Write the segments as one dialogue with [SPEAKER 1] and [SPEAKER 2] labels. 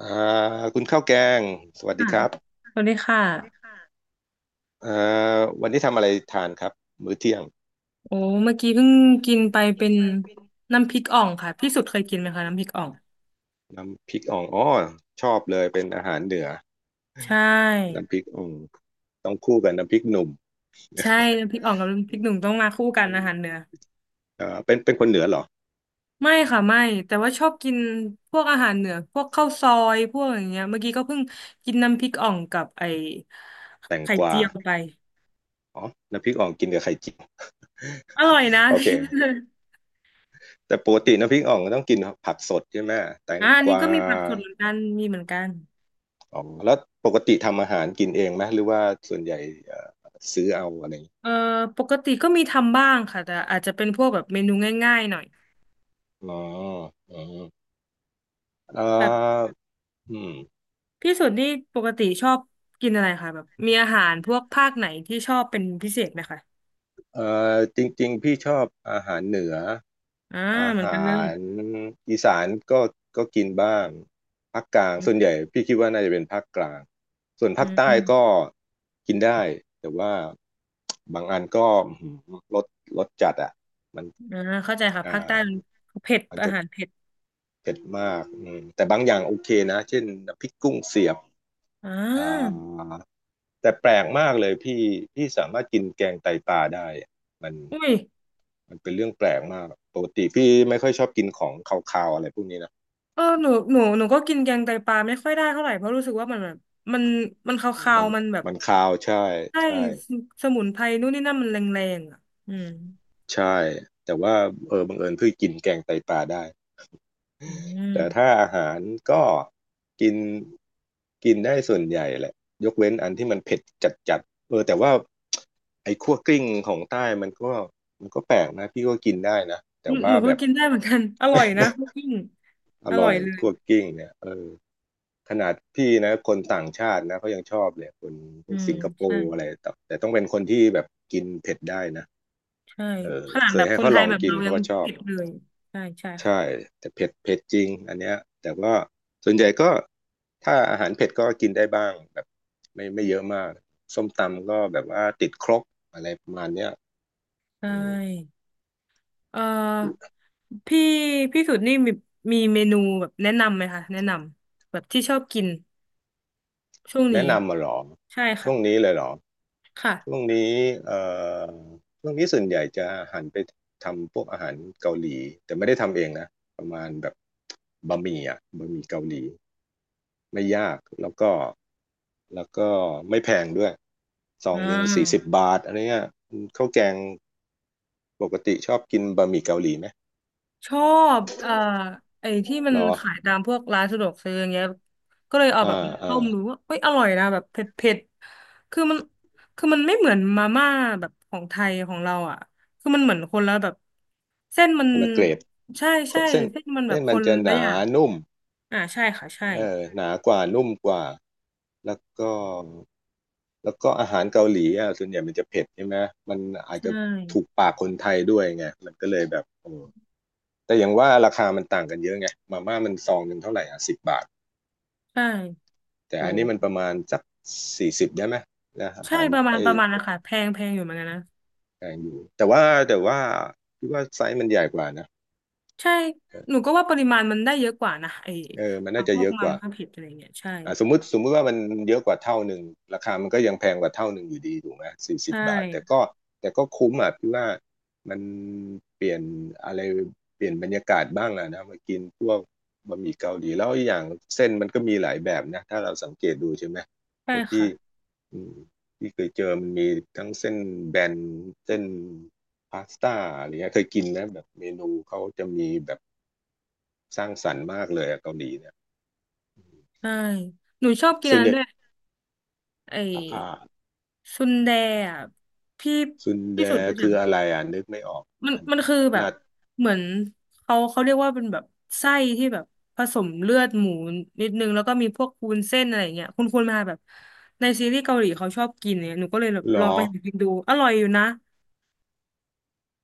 [SPEAKER 1] อ่าคุณข้าวแกงสวัสดี
[SPEAKER 2] ค่ะ
[SPEAKER 1] ครับ
[SPEAKER 2] สวัสดีค่ะ
[SPEAKER 1] อ่าวันนี้ทำอะไรทานครับมื้อเที่ยง
[SPEAKER 2] โอ้เมื่อกี้เพิ่งกินไปเป็นน้ำพริกอ่องค่ะพี่สุดเคยกินไหมคะน้ำพริกอ่อง
[SPEAKER 1] น้ำพริกอ่องอ๋อชอบเลยเป็นอาหารเหนือ
[SPEAKER 2] ใช่
[SPEAKER 1] น้ำพริกอ่องต้องคู่กับน้ำพริกหนุ่ม
[SPEAKER 2] ใช่น้ำพริกอ่องกับน้ำพริกหนุ่มต้องมาคู่กัน
[SPEAKER 1] อื
[SPEAKER 2] อาหารเหนื
[SPEAKER 1] ม
[SPEAKER 2] อ
[SPEAKER 1] เป็นคนเหนือเหรอ
[SPEAKER 2] ไม่ค่ะไม่แต่ว่าชอบกินพวกอาหารเหนือพวกข้าวซอยพวกอย่างเงี้ยเมื่อกี้ก็เพิ่งกินน้ำพริกอ่องกับไอ้
[SPEAKER 1] แตง
[SPEAKER 2] ไข่
[SPEAKER 1] กวา
[SPEAKER 2] เจียวไป
[SPEAKER 1] อ๋อน้ำพริกอ่องกินกับไข่เจียว
[SPEAKER 2] อร่อยนะ
[SPEAKER 1] โอ เค
[SPEAKER 2] พี่
[SPEAKER 1] แต่ปกติน้ำพริกอ่องต้องกินผักสดใช่ไหมแตง
[SPEAKER 2] อ่ะอัน
[SPEAKER 1] ก
[SPEAKER 2] นี้
[SPEAKER 1] วา
[SPEAKER 2] ก็มีผักสดเหมือนกันมีเหมือนกัน
[SPEAKER 1] อ๋อแล้วปกติทำอาหารกินเองไหมหรือว่าส่วนใหญ่เอ่อซื้อเอาอะไรอย่างงี้
[SPEAKER 2] เอ่อปกติก็มีทำบ้างค่ะแต่อาจจะเป็นพวกแบบเมนูง่ายๆหน่อย
[SPEAKER 1] อ๋ออ๋อเอ่
[SPEAKER 2] แบบ
[SPEAKER 1] ออืม
[SPEAKER 2] พี่สุดนี่ปกติชอบกินอะไรคะแบบมีอาหารพวกภาคไหนที่ชอบเป็นพิเศษไหมคะ
[SPEAKER 1] เอ่จริงๆพี่ชอบอาหารเหนือ
[SPEAKER 2] อ่า
[SPEAKER 1] อา
[SPEAKER 2] เหมื
[SPEAKER 1] ห
[SPEAKER 2] อนกันเล
[SPEAKER 1] า
[SPEAKER 2] ย
[SPEAKER 1] รอีสานก็ก็กินบ้างภาคกลางส่วนใหญ่
[SPEAKER 2] อ
[SPEAKER 1] พี่คิดว่าน่าจะเป็นภาคกลางส่วนภา
[SPEAKER 2] ื
[SPEAKER 1] ค
[SPEAKER 2] ม
[SPEAKER 1] ใต้
[SPEAKER 2] อืม
[SPEAKER 1] ก็กินได้แต่ว่าบางอันก็อื้อหือรสจัดอ่ะมัน
[SPEAKER 2] อ่าเข้าใจค่ะ
[SPEAKER 1] อ่
[SPEAKER 2] ภาคใต้มัน
[SPEAKER 1] า
[SPEAKER 2] เผ็ด
[SPEAKER 1] มัน
[SPEAKER 2] อา
[SPEAKER 1] จะ
[SPEAKER 2] หารเผ็ด
[SPEAKER 1] เผ็ดมากอืมแต่บางอย่างโอเคนะเช่นน้ำพริกกุ้งเสียบ
[SPEAKER 2] อ่
[SPEAKER 1] อ่า
[SPEAKER 2] า
[SPEAKER 1] แต่แปลกมากเลยพี่สามารถกินแกงไตปลาได้อะมัน
[SPEAKER 2] อุ้ย
[SPEAKER 1] มันเป็นเรื่องแปลกมากปกติพี่ไม่ค่อยชอบกินของคาวๆอะไรพวกนี้นะ
[SPEAKER 2] เออหนูก็กินแกงไตปลาไม่ค่อยได้เท่าไหร่เพราะรู้สึกว่ามันแบบมันมันคา
[SPEAKER 1] มั
[SPEAKER 2] ว
[SPEAKER 1] น
[SPEAKER 2] ๆมันแบบ
[SPEAKER 1] มันคาวใช่
[SPEAKER 2] ใช่
[SPEAKER 1] ใช่
[SPEAKER 2] สมุนไพรนู่นนี่นั่นมันแรงๆอ่ะอืม
[SPEAKER 1] ใช่แต่ว่าเออบังเอิญเพิ่งกินแกงไตปลาได้
[SPEAKER 2] อื
[SPEAKER 1] แต่ถ้า
[SPEAKER 2] ม
[SPEAKER 1] อาหารก็กินกินได้ส่วนใหญ่แหละยกเว้นอันที่มันเผ็ดจัดๆเออแต่ว่าไอ้คั่วกลิ้งของใต้มันก็มันก็แปลกนะพี่ก็กินได้นะแต่ว่า
[SPEAKER 2] หนู
[SPEAKER 1] แบ
[SPEAKER 2] ก็
[SPEAKER 1] บ
[SPEAKER 2] กินได้เหมือนกัน อร่อยนะคุก กิ้ง
[SPEAKER 1] อ
[SPEAKER 2] อร่
[SPEAKER 1] ร่อ
[SPEAKER 2] อย
[SPEAKER 1] ย
[SPEAKER 2] เลย
[SPEAKER 1] คั่วกลิ้งเนี่ยเออ ขนาดพี่นะคนต่างชาตินะเขายังชอบเลยคนพ
[SPEAKER 2] อื
[SPEAKER 1] วก
[SPEAKER 2] ม
[SPEAKER 1] สิงคโป
[SPEAKER 2] ใช่
[SPEAKER 1] ร์อะไรแต่ต้องเป็นคนที่แบบกินเผ็ดได้นะ
[SPEAKER 2] ใช่
[SPEAKER 1] เออ
[SPEAKER 2] ขนาด
[SPEAKER 1] เค
[SPEAKER 2] แบ
[SPEAKER 1] ย
[SPEAKER 2] บ
[SPEAKER 1] ให้
[SPEAKER 2] คน
[SPEAKER 1] เขา
[SPEAKER 2] ไท
[SPEAKER 1] ล
[SPEAKER 2] ย
[SPEAKER 1] อง
[SPEAKER 2] แบบ
[SPEAKER 1] กิน
[SPEAKER 2] เรา
[SPEAKER 1] เขา
[SPEAKER 2] ยัง
[SPEAKER 1] ก็ชอบ
[SPEAKER 2] ผิดเลยใช่ใช่ค่ะ
[SPEAKER 1] ใช่แต่เผ็ดเผ็ดจริงอันเนี้ยแต่ว่าส่วนใหญ่ก็ถ้าอาหารเผ็ดก็กินได้บ้างแบบไม่เยอะมากส้มตำก็แบบว่าติดครกอะไรประมาณเนี้ย
[SPEAKER 2] ใช
[SPEAKER 1] อืม
[SPEAKER 2] ่เอ่อพี่พี่สุดนี่มีเมนูแบบแนะนำไหมคะแนะนำแบบที่ชอบกินช่วงนี้
[SPEAKER 1] แนะนำมาหรอ
[SPEAKER 2] ใช่
[SPEAKER 1] ช่
[SPEAKER 2] ค่ะ
[SPEAKER 1] วงนี้เลยเหรอ
[SPEAKER 2] ค่ะ
[SPEAKER 1] ช่วงนี้เอ่อช่วงนี้ส่วนใหญ่จะหันไปทำพวกอาหารเกาหลีแต่ไม่ได้ทำเองนะประมาณแบบบะหมี่อ่ะบะหมี่เกาหลีไม่ยากแล้วก็แล้วก็ไม่แพงด้วยซอ
[SPEAKER 2] อ่
[SPEAKER 1] งหนึ่งสี่สิบ
[SPEAKER 2] า
[SPEAKER 1] บาทอะไรเงี้ยข้าวแกงปกติชอบกินบะหมี่เกาหลีไหม
[SPEAKER 2] ชอบไอ้ที่มั
[SPEAKER 1] เห
[SPEAKER 2] น
[SPEAKER 1] รอ
[SPEAKER 2] ขายตามพวกร้านสะดวกซื้ออย่างเงี้ยก็เลยเอา
[SPEAKER 1] อ่า
[SPEAKER 2] แบบมา
[SPEAKER 1] อ่า
[SPEAKER 2] ต้มดูว่าเอ้ยอร่อยนะแบบเผ็ดเผ็ดคือมันคือมันไม่เหมือนมาม่าแบบของไทยของเราอ่ะคือมันเหมือนคนละแบบเส้นมัน
[SPEAKER 1] คนละเกรด
[SPEAKER 2] ใช่ใช่
[SPEAKER 1] เส้น
[SPEAKER 2] เส้นมันแบ
[SPEAKER 1] เส้
[SPEAKER 2] บ
[SPEAKER 1] น
[SPEAKER 2] ค
[SPEAKER 1] มัน
[SPEAKER 2] น
[SPEAKER 1] จะห
[SPEAKER 2] ละ
[SPEAKER 1] นา
[SPEAKER 2] อย่าง
[SPEAKER 1] นุ่ม
[SPEAKER 2] อ่าใช่ค่ะใช่
[SPEAKER 1] เออหนากว่านุ่มกว่าแล้วก็อาหารเกาหลีอ่ะส่วนใหญ่มันจะเผ็ดใช่ไหมมันอาจจะ
[SPEAKER 2] ใช่
[SPEAKER 1] ถูกปากคนไทยด้วยไงมันก็เลยแบบโอ้แต่อย่างว่าราคามันต่างกันเยอะไงมาม่ามันซองหนึ่งเท่าไหร่อ่ะสิบบาท
[SPEAKER 2] ใช่
[SPEAKER 1] แต่
[SPEAKER 2] โห
[SPEAKER 1] อันนี้มันประมาณสักสี่สิบได้ไหมนะอา
[SPEAKER 2] ใช่
[SPEAKER 1] หารไอ้
[SPEAKER 2] ประมาณนะคะแพงอยู่เหมือนกันนะ
[SPEAKER 1] แพงอยู่แต่ว่าแต่ว่าคิดว่าไซส์มันใหญ่กว่านะ
[SPEAKER 2] ใช่หนูก็ว่าปริมาณมันได้เยอะกว่านะไอ้
[SPEAKER 1] เออมันน่าจะ
[SPEAKER 2] พว
[SPEAKER 1] เย
[SPEAKER 2] ก
[SPEAKER 1] อะก
[SPEAKER 2] มา
[SPEAKER 1] ว่า
[SPEAKER 2] ม่าเผ็ดอะไรเงี้ยใช่
[SPEAKER 1] อ่าสมมุติว่ามันเยอะกว่าเท่าหนึ่งราคามันก็ยังแพงกว่าเท่าหนึ่งอยู่ดีถูกไหมสี่สิบ
[SPEAKER 2] ใช่
[SPEAKER 1] บาทแต่ก็คุ้มอ่ะพี่ว่ามันเปลี่ยนอะไรเปลี่ยนบรรยากาศบ้างอ่ะนะมากินพวกบะหมี่เกาหลีแล้วอีกอย่างเส้นมันก็มีหลายแบบนะถ้าเราสังเกตดูใช่ไหมเพ
[SPEAKER 2] ใช่
[SPEAKER 1] ราะพี่
[SPEAKER 2] ค่ะ
[SPEAKER 1] อืมพี่เคยเจอมันมีทั้งเส้นแบนเส้นพาสต้าอะไรเงี้ยเคยกินนะแบบเมนูเขาจะมีแบบสร้างสรรค์มากเลยอะเกาหลีเนี่ย
[SPEAKER 2] ใช่หนูชอบกิน
[SPEAKER 1] ส่
[SPEAKER 2] อั
[SPEAKER 1] วน
[SPEAKER 2] น
[SPEAKER 1] ให
[SPEAKER 2] นั้น
[SPEAKER 1] ญ่
[SPEAKER 2] ด้วยไอ้
[SPEAKER 1] อ่า
[SPEAKER 2] ซุนแดอ่ะพี่
[SPEAKER 1] ซุนแด
[SPEAKER 2] พี่สุดรู้จั
[SPEAKER 1] คือ
[SPEAKER 2] ก
[SPEAKER 1] อะไรอ่ะนึกไม่ออกมัน
[SPEAKER 2] มันคือแบบ
[SPEAKER 1] นัด
[SPEAKER 2] เหมือนเขาเรียกว่าเป็นแบบไส้ที่แบบผสมเลือดหมูนิดนึงแล้วก็มีพวกวุ้นเส้นอะไรอย่างเงี้ยคุณมาแบบในซีรีส์เกาหลีเขาชอบกินเนี่ยหนูก็เลยแบบ
[SPEAKER 1] หร
[SPEAKER 2] ลอง
[SPEAKER 1] อ
[SPEAKER 2] ไปหากินดูอร่อยอยู่นะ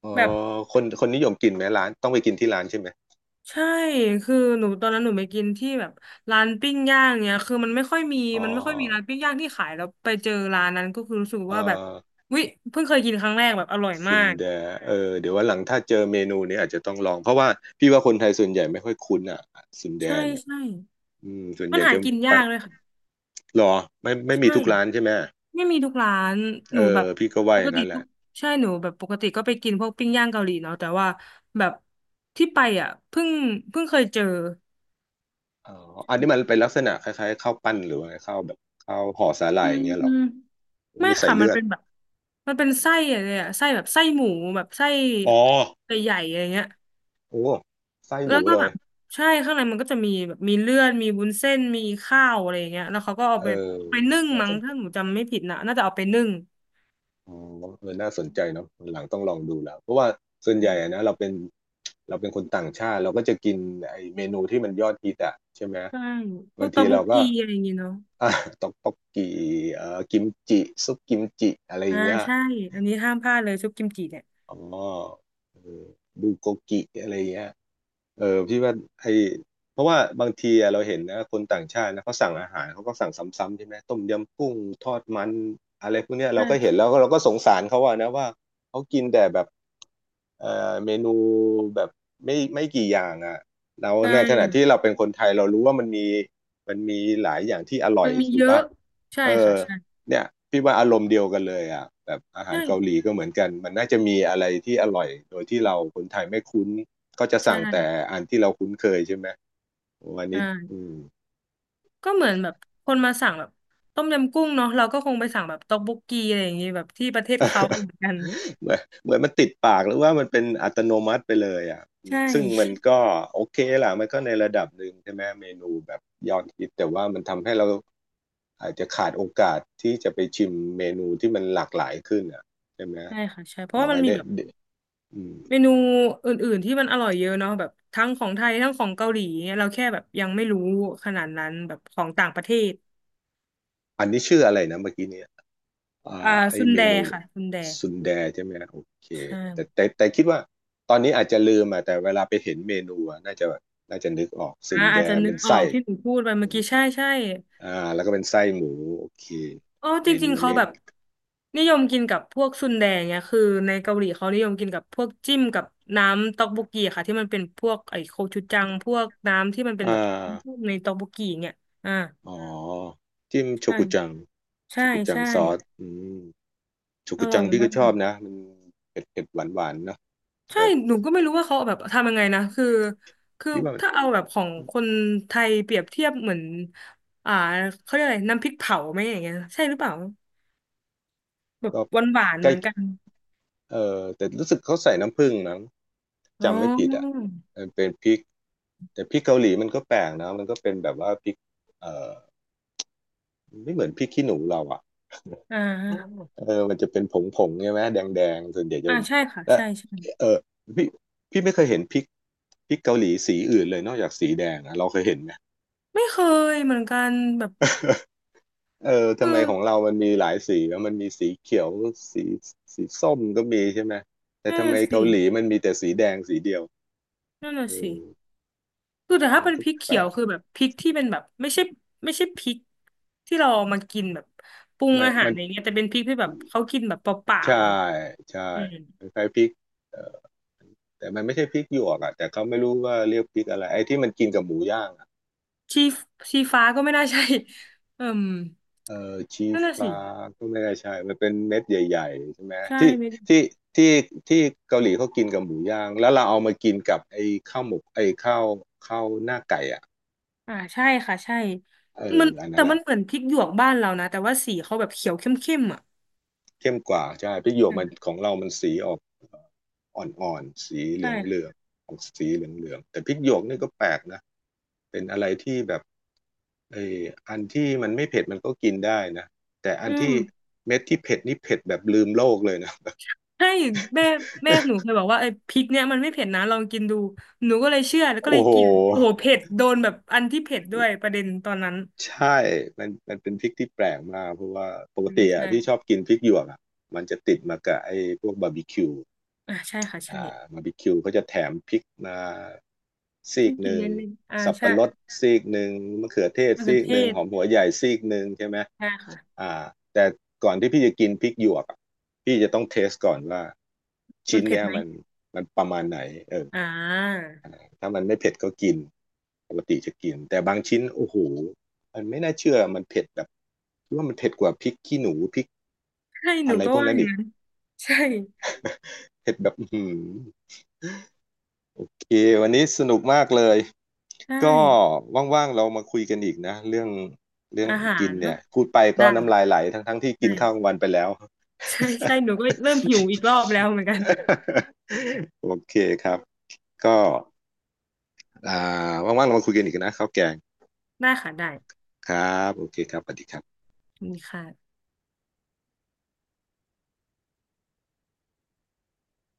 [SPEAKER 1] เอ๋
[SPEAKER 2] แบบ
[SPEAKER 1] อคนนิยมกินไหมร้านต้องไปกินที่ร้านใช่ไหม
[SPEAKER 2] ใช่คือหนูตอนนั้นหนูไปกินที่แบบร้านปิ้งย่างเนี่ยคือมันไม่ค่อยมี
[SPEAKER 1] อ๋อ
[SPEAKER 2] มันไม่ค่อยมีร้านปิ้งย่างที่ขายแล้วไปเจอร้านนั้นก็คือรู้สึก
[SPEAKER 1] เออ
[SPEAKER 2] ว่าแบบวิเพิ่งเคยกินครั้งแรกแบบอร่อย
[SPEAKER 1] ซุ
[SPEAKER 2] มา
[SPEAKER 1] น
[SPEAKER 2] ก
[SPEAKER 1] แดเออเดี๋ยววันหลังถ้าเจอเมนูนี้อาจจะต้องลองเพราะว่าพี่ว่าคนไทยส่วนใหญ่ไม่ค่อยคุ้นอ่ะซุนแด
[SPEAKER 2] ใช่
[SPEAKER 1] เนี่ย
[SPEAKER 2] ใช่
[SPEAKER 1] อืมส่วน
[SPEAKER 2] มั
[SPEAKER 1] ให
[SPEAKER 2] น
[SPEAKER 1] ญ่
[SPEAKER 2] หา
[SPEAKER 1] จะ
[SPEAKER 2] กิน
[SPEAKER 1] ไป
[SPEAKER 2] ยากเลยค่ะ
[SPEAKER 1] หรอไม่มี
[SPEAKER 2] ใช่
[SPEAKER 1] ทุกร้านใช่ไหม
[SPEAKER 2] ไม่มีทุกร้านห
[SPEAKER 1] เอ
[SPEAKER 2] นูแบ
[SPEAKER 1] อ
[SPEAKER 2] บ
[SPEAKER 1] พี่ก็ว่า
[SPEAKER 2] ป
[SPEAKER 1] อ
[SPEAKER 2] ก
[SPEAKER 1] ย่าง
[SPEAKER 2] ติ
[SPEAKER 1] นั้นแห
[SPEAKER 2] ทุ
[SPEAKER 1] ละ
[SPEAKER 2] กใช่หนูแบบปกติก็ไปกินพวกปิ้งย่างเกาหลีเนาะแต่ว่าแบบที่ไปอ่ะเพิ่งเพิ่งเคยเจอ
[SPEAKER 1] อ๋ออันนี้มันเป็นลักษณะคล้ายๆข้าวปั้นหรือว่าไงข้าวแบบข้าวห่อสาหร่า
[SPEAKER 2] อื
[SPEAKER 1] ยอ
[SPEAKER 2] ม
[SPEAKER 1] ย่างเงี้ยเหรอ
[SPEAKER 2] ไม่
[SPEAKER 1] มีใส่
[SPEAKER 2] ค่ะมั
[SPEAKER 1] เลื
[SPEAKER 2] น
[SPEAKER 1] อด
[SPEAKER 2] เป็นแบบมันเป็นไส้อะไรอะไส้แบบไส้หมูแบบไส้
[SPEAKER 1] อ๋อ
[SPEAKER 2] ใหญ่ๆอะไรเงี้ย
[SPEAKER 1] โอ้ไส้ห
[SPEAKER 2] แล้ว
[SPEAKER 1] มู
[SPEAKER 2] ก็
[SPEAKER 1] เล
[SPEAKER 2] แบ
[SPEAKER 1] ย
[SPEAKER 2] บใช่ข้างในมันก็จะมีแบบมีเลือดมีวุ้นเส้นมีข้าวอะไรอย่างเงี้ยแล้วเขาก็เอา
[SPEAKER 1] เอ
[SPEAKER 2] ไป
[SPEAKER 1] อ
[SPEAKER 2] เอาไปนึ่ง
[SPEAKER 1] น่า
[SPEAKER 2] มั้
[SPEAKER 1] ส
[SPEAKER 2] ง
[SPEAKER 1] นใจ
[SPEAKER 2] ถ้าหนูจำไม่ผิดนะน่าจะเอาไปนึ่ง
[SPEAKER 1] อืมเออน่าสนใจเนาะวันหลังต้องลองดูแล้ว เพราะว่าส่วน
[SPEAKER 2] อื
[SPEAKER 1] ใหญ่
[SPEAKER 2] ม
[SPEAKER 1] อะนะเราเป็นคนต่างชาติ เราก็จะกินไอ้เมนูที่มันยอดฮิตอ่ะใช่ไหม
[SPEAKER 2] ใช่พ
[SPEAKER 1] บา
[SPEAKER 2] ว
[SPEAKER 1] ง
[SPEAKER 2] กต
[SPEAKER 1] ที
[SPEAKER 2] อกบ
[SPEAKER 1] เรา
[SPEAKER 2] ก
[SPEAKER 1] ก็
[SPEAKER 2] กีอะไรอย่างเงี้ยเนาะ
[SPEAKER 1] อ่ะต๊อกต๊อกกีกิมจิซุปกิมจิ อะไรอ
[SPEAKER 2] อ่า
[SPEAKER 1] ย่างเงี้ย
[SPEAKER 2] ใช่อันนี้ห้ามพลาดเลยซุปกิมจิเนี่ย
[SPEAKER 1] อ๋อเออบูโกกิอะไรเงี้ยเออพี่ว่าไอเพราะว่าบางทีอะเราเห็นนะคนต่างชาตินะเขาสั่งอาหารเขาก็สั่งซ้ำๆใช่ไหมต้มยำกุ้งทอดมันอะไรพวกเนี้ยเรา
[SPEAKER 2] ใช่
[SPEAKER 1] ก็เห็
[SPEAKER 2] ค่ะ
[SPEAKER 1] นแล้วก็เราก็สงสารเขาอะนะว่าเขากินแต่แบบเออเมนูแบบไม่กี่อย่างอะเรา
[SPEAKER 2] ใช
[SPEAKER 1] ในขณะที่
[SPEAKER 2] ่
[SPEAKER 1] เราเป็นคนไทยเรารู้ว่ามันมีหลายอย่างที่อร่อ
[SPEAKER 2] มั
[SPEAKER 1] ย
[SPEAKER 2] นมี
[SPEAKER 1] ถู
[SPEAKER 2] เย
[SPEAKER 1] ก
[SPEAKER 2] อะ
[SPEAKER 1] ป่ะ
[SPEAKER 2] ใช่
[SPEAKER 1] เออ
[SPEAKER 2] ค่ะใช่
[SPEAKER 1] เนี่ยพี่ว่าอารมณ์เดียวกันเลยอ่ะแบบอา
[SPEAKER 2] ใ
[SPEAKER 1] หารเกาหลี
[SPEAKER 2] ช่
[SPEAKER 1] ก็เหมือนกันมันน่าจะมีอะไรที่อร่อยโดยที่เราคนไทยไม่คุ้นก็จะ
[SPEAKER 2] ใช่
[SPEAKER 1] สั่งแต่อันที่เราคุ้นเคยใช่ไหมวันนี้อื
[SPEAKER 2] อ่า
[SPEAKER 1] ม
[SPEAKER 2] ก็เหมือนแบบคนมาสั่งแบบต้มยำกุ้งเนาะเราก็คงไปสั่งแบบต๊อกบกกีอะไรอย่างงี้แบบที่ประเทศเขาเหมือนกัน
[SPEAKER 1] เหมือนมันติดปากหรือว่ามันเป็นอัตโนมัติไปเลยอ่ะ
[SPEAKER 2] ใช
[SPEAKER 1] ซึ่งมัน
[SPEAKER 2] ่
[SPEAKER 1] ก็โอเคล่ะมันก็ในระดับหนึ่งใช่ไหมเมนูแบบยอดฮิตแต่ว่ามันทำให้เราอาจจะขาดโอกาสที่จะไปชิมเมนูที่มันหลากหลายขึ้นอ่ะใช่ไหม
[SPEAKER 2] ใช่ค่ะใช่เพราะ
[SPEAKER 1] ลอ
[SPEAKER 2] ว่า
[SPEAKER 1] ง
[SPEAKER 2] มัน
[SPEAKER 1] ไอ้
[SPEAKER 2] มี
[SPEAKER 1] เนี่ย
[SPEAKER 2] แบบ
[SPEAKER 1] อืม
[SPEAKER 2] เมนูอื่นๆที่มันอร่อยเยอะเนาะแบบทั้งของไทยทั้งของเกาหลีเนี่ยเราแค่แบบยังไม่รู้ขนาดนั้นแบบของต่างประเทศ
[SPEAKER 1] อันนี้ชื่ออะไรนะเมื่อกี้นี้
[SPEAKER 2] อ่า
[SPEAKER 1] อ่าไอ
[SPEAKER 2] ซุน
[SPEAKER 1] เม
[SPEAKER 2] แด
[SPEAKER 1] นูส
[SPEAKER 2] ค่ะซุนแด
[SPEAKER 1] ซุนแดใช่ไหมโอเค
[SPEAKER 2] ใช่
[SPEAKER 1] แต่คิดว่าตอนนี้อาจจะลืมอ่ะแต่เวลาไปเห็นเมนูอ่ะน่าจะนึกออก
[SPEAKER 2] อ่า
[SPEAKER 1] ซุนแด
[SPEAKER 2] อาจจะนึ
[SPEAKER 1] เป็
[SPEAKER 2] ก
[SPEAKER 1] น
[SPEAKER 2] ออ
[SPEAKER 1] ไส้
[SPEAKER 2] กที่หนูพูดไปเมื่อกี้ใช่ใช่
[SPEAKER 1] อ่าแล้วก็เป็นไส้หมูโอเค
[SPEAKER 2] อ๋อจ
[SPEAKER 1] เมนู
[SPEAKER 2] ริงๆเขา
[SPEAKER 1] นี้
[SPEAKER 2] แบบนิยมกินกับพวกซุนแดงเนี่ยคือในเกาหลีเขานิยมกินกับพวกจิ้มกับน้ำต๊อกบกกีค่ะที่มันเป็นพวกไอ้โคชูจังพวกน้ำที่มันเป็น
[SPEAKER 1] อ่า
[SPEAKER 2] แบบในต๊อกบกกีเนี่ยอ่า
[SPEAKER 1] อ๋อจิ้มโชกุจัง
[SPEAKER 2] ใช่
[SPEAKER 1] โช
[SPEAKER 2] ใช่
[SPEAKER 1] กุจัง
[SPEAKER 2] ใช่
[SPEAKER 1] ซอสอืมโช
[SPEAKER 2] อ
[SPEAKER 1] กุ
[SPEAKER 2] ร่อ
[SPEAKER 1] จั
[SPEAKER 2] ย
[SPEAKER 1] งพี่
[SPEAKER 2] มา
[SPEAKER 1] ก็ชอ
[SPEAKER 2] ก
[SPEAKER 1] บนะมันเผ็ดเผ็ดหวานหวานๆเนาะ
[SPEAKER 2] ใช่
[SPEAKER 1] แต่
[SPEAKER 2] หนูก็ไม่รู้ว่าเขาเอาแบบทำยังไงนะคือ
[SPEAKER 1] พี่ว่ามัน
[SPEAKER 2] ถ้าเอาแบบของคนไทยเปรียบเทียบเหมือนอ่าเขาเรียกอะไรน้ำพริกเผาไหมอย่างเงี้ยใช่หรือเปล่าแบบ
[SPEAKER 1] ก็
[SPEAKER 2] หวานๆ
[SPEAKER 1] ใก
[SPEAKER 2] เห
[SPEAKER 1] ล้
[SPEAKER 2] มือนกัน
[SPEAKER 1] เออแต่รู้สึกเขาใส่น้ำผึ้งมั้ง
[SPEAKER 2] อ๋อ
[SPEAKER 1] จำไม่ผิดอ่ะมันเป็นพริกแต่พริกเกาหลีมันก็แปลกนะมันก็เป็นแบบว่าพริกเออไม่เหมือนพริกขี้หนูเราอ่ะ
[SPEAKER 2] อ่า
[SPEAKER 1] เออมันจะเป็นผงผงใช่ไหมแดงแดงส่วนใหญ่จะ
[SPEAKER 2] อ่า
[SPEAKER 1] เป็น
[SPEAKER 2] ใช่ค่ะ
[SPEAKER 1] และ
[SPEAKER 2] ใช่ใช่
[SPEAKER 1] เออพี่พี่ไม่เคยเห็นพริกเกาหลีสีอื่นเลยนอกจากสีแดงอะเราเคยเห็นไหม
[SPEAKER 2] ไม่เคยเหมือนกันแบบ
[SPEAKER 1] เออ
[SPEAKER 2] เออ
[SPEAKER 1] ทำไมของเรามันมีหลายสีแล้วมันมีสีเขียวสีสีส้มก็มีใช่ไหมแต่
[SPEAKER 2] นั่น
[SPEAKER 1] ทำไม
[SPEAKER 2] น่ะสิ
[SPEAKER 1] เกาหลีมันมีแต่สีแดงสีเดียว
[SPEAKER 2] นั่นน่ะ
[SPEAKER 1] เอ
[SPEAKER 2] สิ
[SPEAKER 1] อ
[SPEAKER 2] คือแต่ถ้า
[SPEAKER 1] มัน
[SPEAKER 2] เป็น
[SPEAKER 1] ก็
[SPEAKER 2] พริก
[SPEAKER 1] แป
[SPEAKER 2] เขี
[SPEAKER 1] ล
[SPEAKER 2] ยว
[SPEAKER 1] ก
[SPEAKER 2] คือแบบพริกที่เป็นแบบไม่ใช่ไม่ใช่พริกที่เราเอามากินแบบปรุง
[SPEAKER 1] ไม่
[SPEAKER 2] อาหา
[SPEAKER 1] มั
[SPEAKER 2] ร
[SPEAKER 1] น
[SPEAKER 2] อะ่รเงี้ยแต่เป็นพริกที่แบบเขากินแบบเปล่า
[SPEAKER 1] ใช่
[SPEAKER 2] ๆอะ
[SPEAKER 1] ใช่
[SPEAKER 2] อืม
[SPEAKER 1] คล้ายๆพริกเอ่อแต่มันไม่ใช่พริกหยวกอ่ะแต่เขาไม่รู้ว่าเรียกพริกอะไรไอ้ที่มันกินกับหมูย่างอ่ะ
[SPEAKER 2] ชีชีฟ้าก็ไม่น่าใช่เอิ่ม
[SPEAKER 1] เออชี
[SPEAKER 2] นั่นน่ะสิ
[SPEAKER 1] ฟ้าก็ไม่ได้ใช่ มันเป็นเม็ดใหญ่ๆใช่ไหม
[SPEAKER 2] ใช่ไม่
[SPEAKER 1] ที่ที่ที่เกาหลีเขากินกับหมูย่าง แล้วเราเอามากินกับไอ้ข้าวหมกไอ้ข้าวหน้าไก่อ่ะ
[SPEAKER 2] อ่าใช่ค่ะใช่
[SPEAKER 1] เออ
[SPEAKER 2] มัน
[SPEAKER 1] อันนั้
[SPEAKER 2] แต่
[SPEAKER 1] นแห
[SPEAKER 2] มั
[SPEAKER 1] ละ
[SPEAKER 2] นเหมือนพริกหยวกบ้านเรานะแต่ว่าสีเขาแบบเขียวเข้มๆอ่ะ
[SPEAKER 1] เข้มกว่าใช่พริกหยวก
[SPEAKER 2] อื
[SPEAKER 1] มั
[SPEAKER 2] ม
[SPEAKER 1] นของเรามันสีออกอ่อนๆสีเห
[SPEAKER 2] ใช่
[SPEAKER 1] ลืองเหลือ
[SPEAKER 2] ค่ะ
[SPEAKER 1] งออกสีเหลืองเหลืองแต่พริกหยวกนี่ก็แปลกนะเป็นอะไรที่แบบไออันที่มันไม่เผ็ดมันก็กินได้นะแต่อั
[SPEAKER 2] อื
[SPEAKER 1] น
[SPEAKER 2] ม
[SPEAKER 1] ที่เม็ดที่เผ็ดนี่เผ็ดแบบลืมโลกเลยนะ
[SPEAKER 2] ให้แม่แม่หนูเค ยบอกว่าไอ้พริกเนี่ยมันไม่เผ็ดนะลองกินดูหนูก็เลยเชื่อแล้วก็เล
[SPEAKER 1] โอ้
[SPEAKER 2] ย
[SPEAKER 1] โห
[SPEAKER 2] กินโอ้โหเผ็ดโดนแบบอันที่เผ็ดด้วยประเด็นตอนนั้น
[SPEAKER 1] ใช่มันเป็นพริกที่แปลกมากเพราะว่าปก
[SPEAKER 2] อืม
[SPEAKER 1] ติอ่ะ
[SPEAKER 2] ใช่
[SPEAKER 1] พี่ชอบกินพริกหยวกอ่ะมันจะติดมากับไอ้พวกบาร์บีคิว
[SPEAKER 2] อ่าใช่ค่ะใช่
[SPEAKER 1] อ่าบาร์บีคิวเขาจะแถมพริกมาซี
[SPEAKER 2] ไม่
[SPEAKER 1] กห
[SPEAKER 2] กิน
[SPEAKER 1] นึ่ง
[SPEAKER 2] เล่นเล่นอ่า
[SPEAKER 1] สับ
[SPEAKER 2] ใช่
[SPEAKER 1] ปะรดซีกหนึ่งมะเขือเทศ
[SPEAKER 2] มะเขื
[SPEAKER 1] ซี
[SPEAKER 2] อ
[SPEAKER 1] ก
[SPEAKER 2] เท
[SPEAKER 1] หนึ่ง
[SPEAKER 2] ศ
[SPEAKER 1] หอมหัวใหญ่ซีกหนึ่งใช่ไหม
[SPEAKER 2] ใช่ค่ะ
[SPEAKER 1] อ่าแต่ก่อนที่พี่จะกินพริกหยวกอะพี่จะต้องเทสก่อนว่า
[SPEAKER 2] มั
[SPEAKER 1] ชิ้
[SPEAKER 2] น
[SPEAKER 1] น
[SPEAKER 2] เผ็ด
[SPEAKER 1] เนี้ย
[SPEAKER 2] ไหม
[SPEAKER 1] มันประมาณไหนเออ
[SPEAKER 2] อ่า
[SPEAKER 1] ถ้ามันไม่เผ็ดก็กินปกติจะกินแต่บางชิ้นโอ้โหมันไม่น่าเชื่อมันเผ็ดแบบคิดว่ามันเผ็ดกว่าพริกขี้หนูพริก
[SPEAKER 2] ใช่ห
[SPEAKER 1] อะ
[SPEAKER 2] นู
[SPEAKER 1] ไร
[SPEAKER 2] ก็
[SPEAKER 1] พวก
[SPEAKER 2] ว่าอ
[SPEAKER 1] นั้น
[SPEAKER 2] ย่าง
[SPEAKER 1] อีก
[SPEAKER 2] นั้นใช่
[SPEAKER 1] เผ็ดแบบอื้อหือ โอเควันนี้สนุกมากเลย
[SPEAKER 2] ใช่
[SPEAKER 1] ก็ว่างๆเรามาคุยกันอีกนะเรื่อง
[SPEAKER 2] อาหา
[SPEAKER 1] กิน
[SPEAKER 2] ร
[SPEAKER 1] เนี่
[SPEAKER 2] เนาะ
[SPEAKER 1] ยพูดไปก็
[SPEAKER 2] ได้
[SPEAKER 1] น้ำลายไหลทั้งๆทที่กินข้าวกลา
[SPEAKER 2] ใช่
[SPEAKER 1] งวันไปแล้ว
[SPEAKER 2] ใช่ใช่หนูก็เริ่มหิวอีกรอบแล้วเหมือนกัน
[SPEAKER 1] โอเคครับก็อ่าว่างๆเรามาคุยกันอีกนะข้าวแกง
[SPEAKER 2] ได้ค่ะได้
[SPEAKER 1] ครับโอเคครับสวัสดีครับ
[SPEAKER 2] มีค่ะ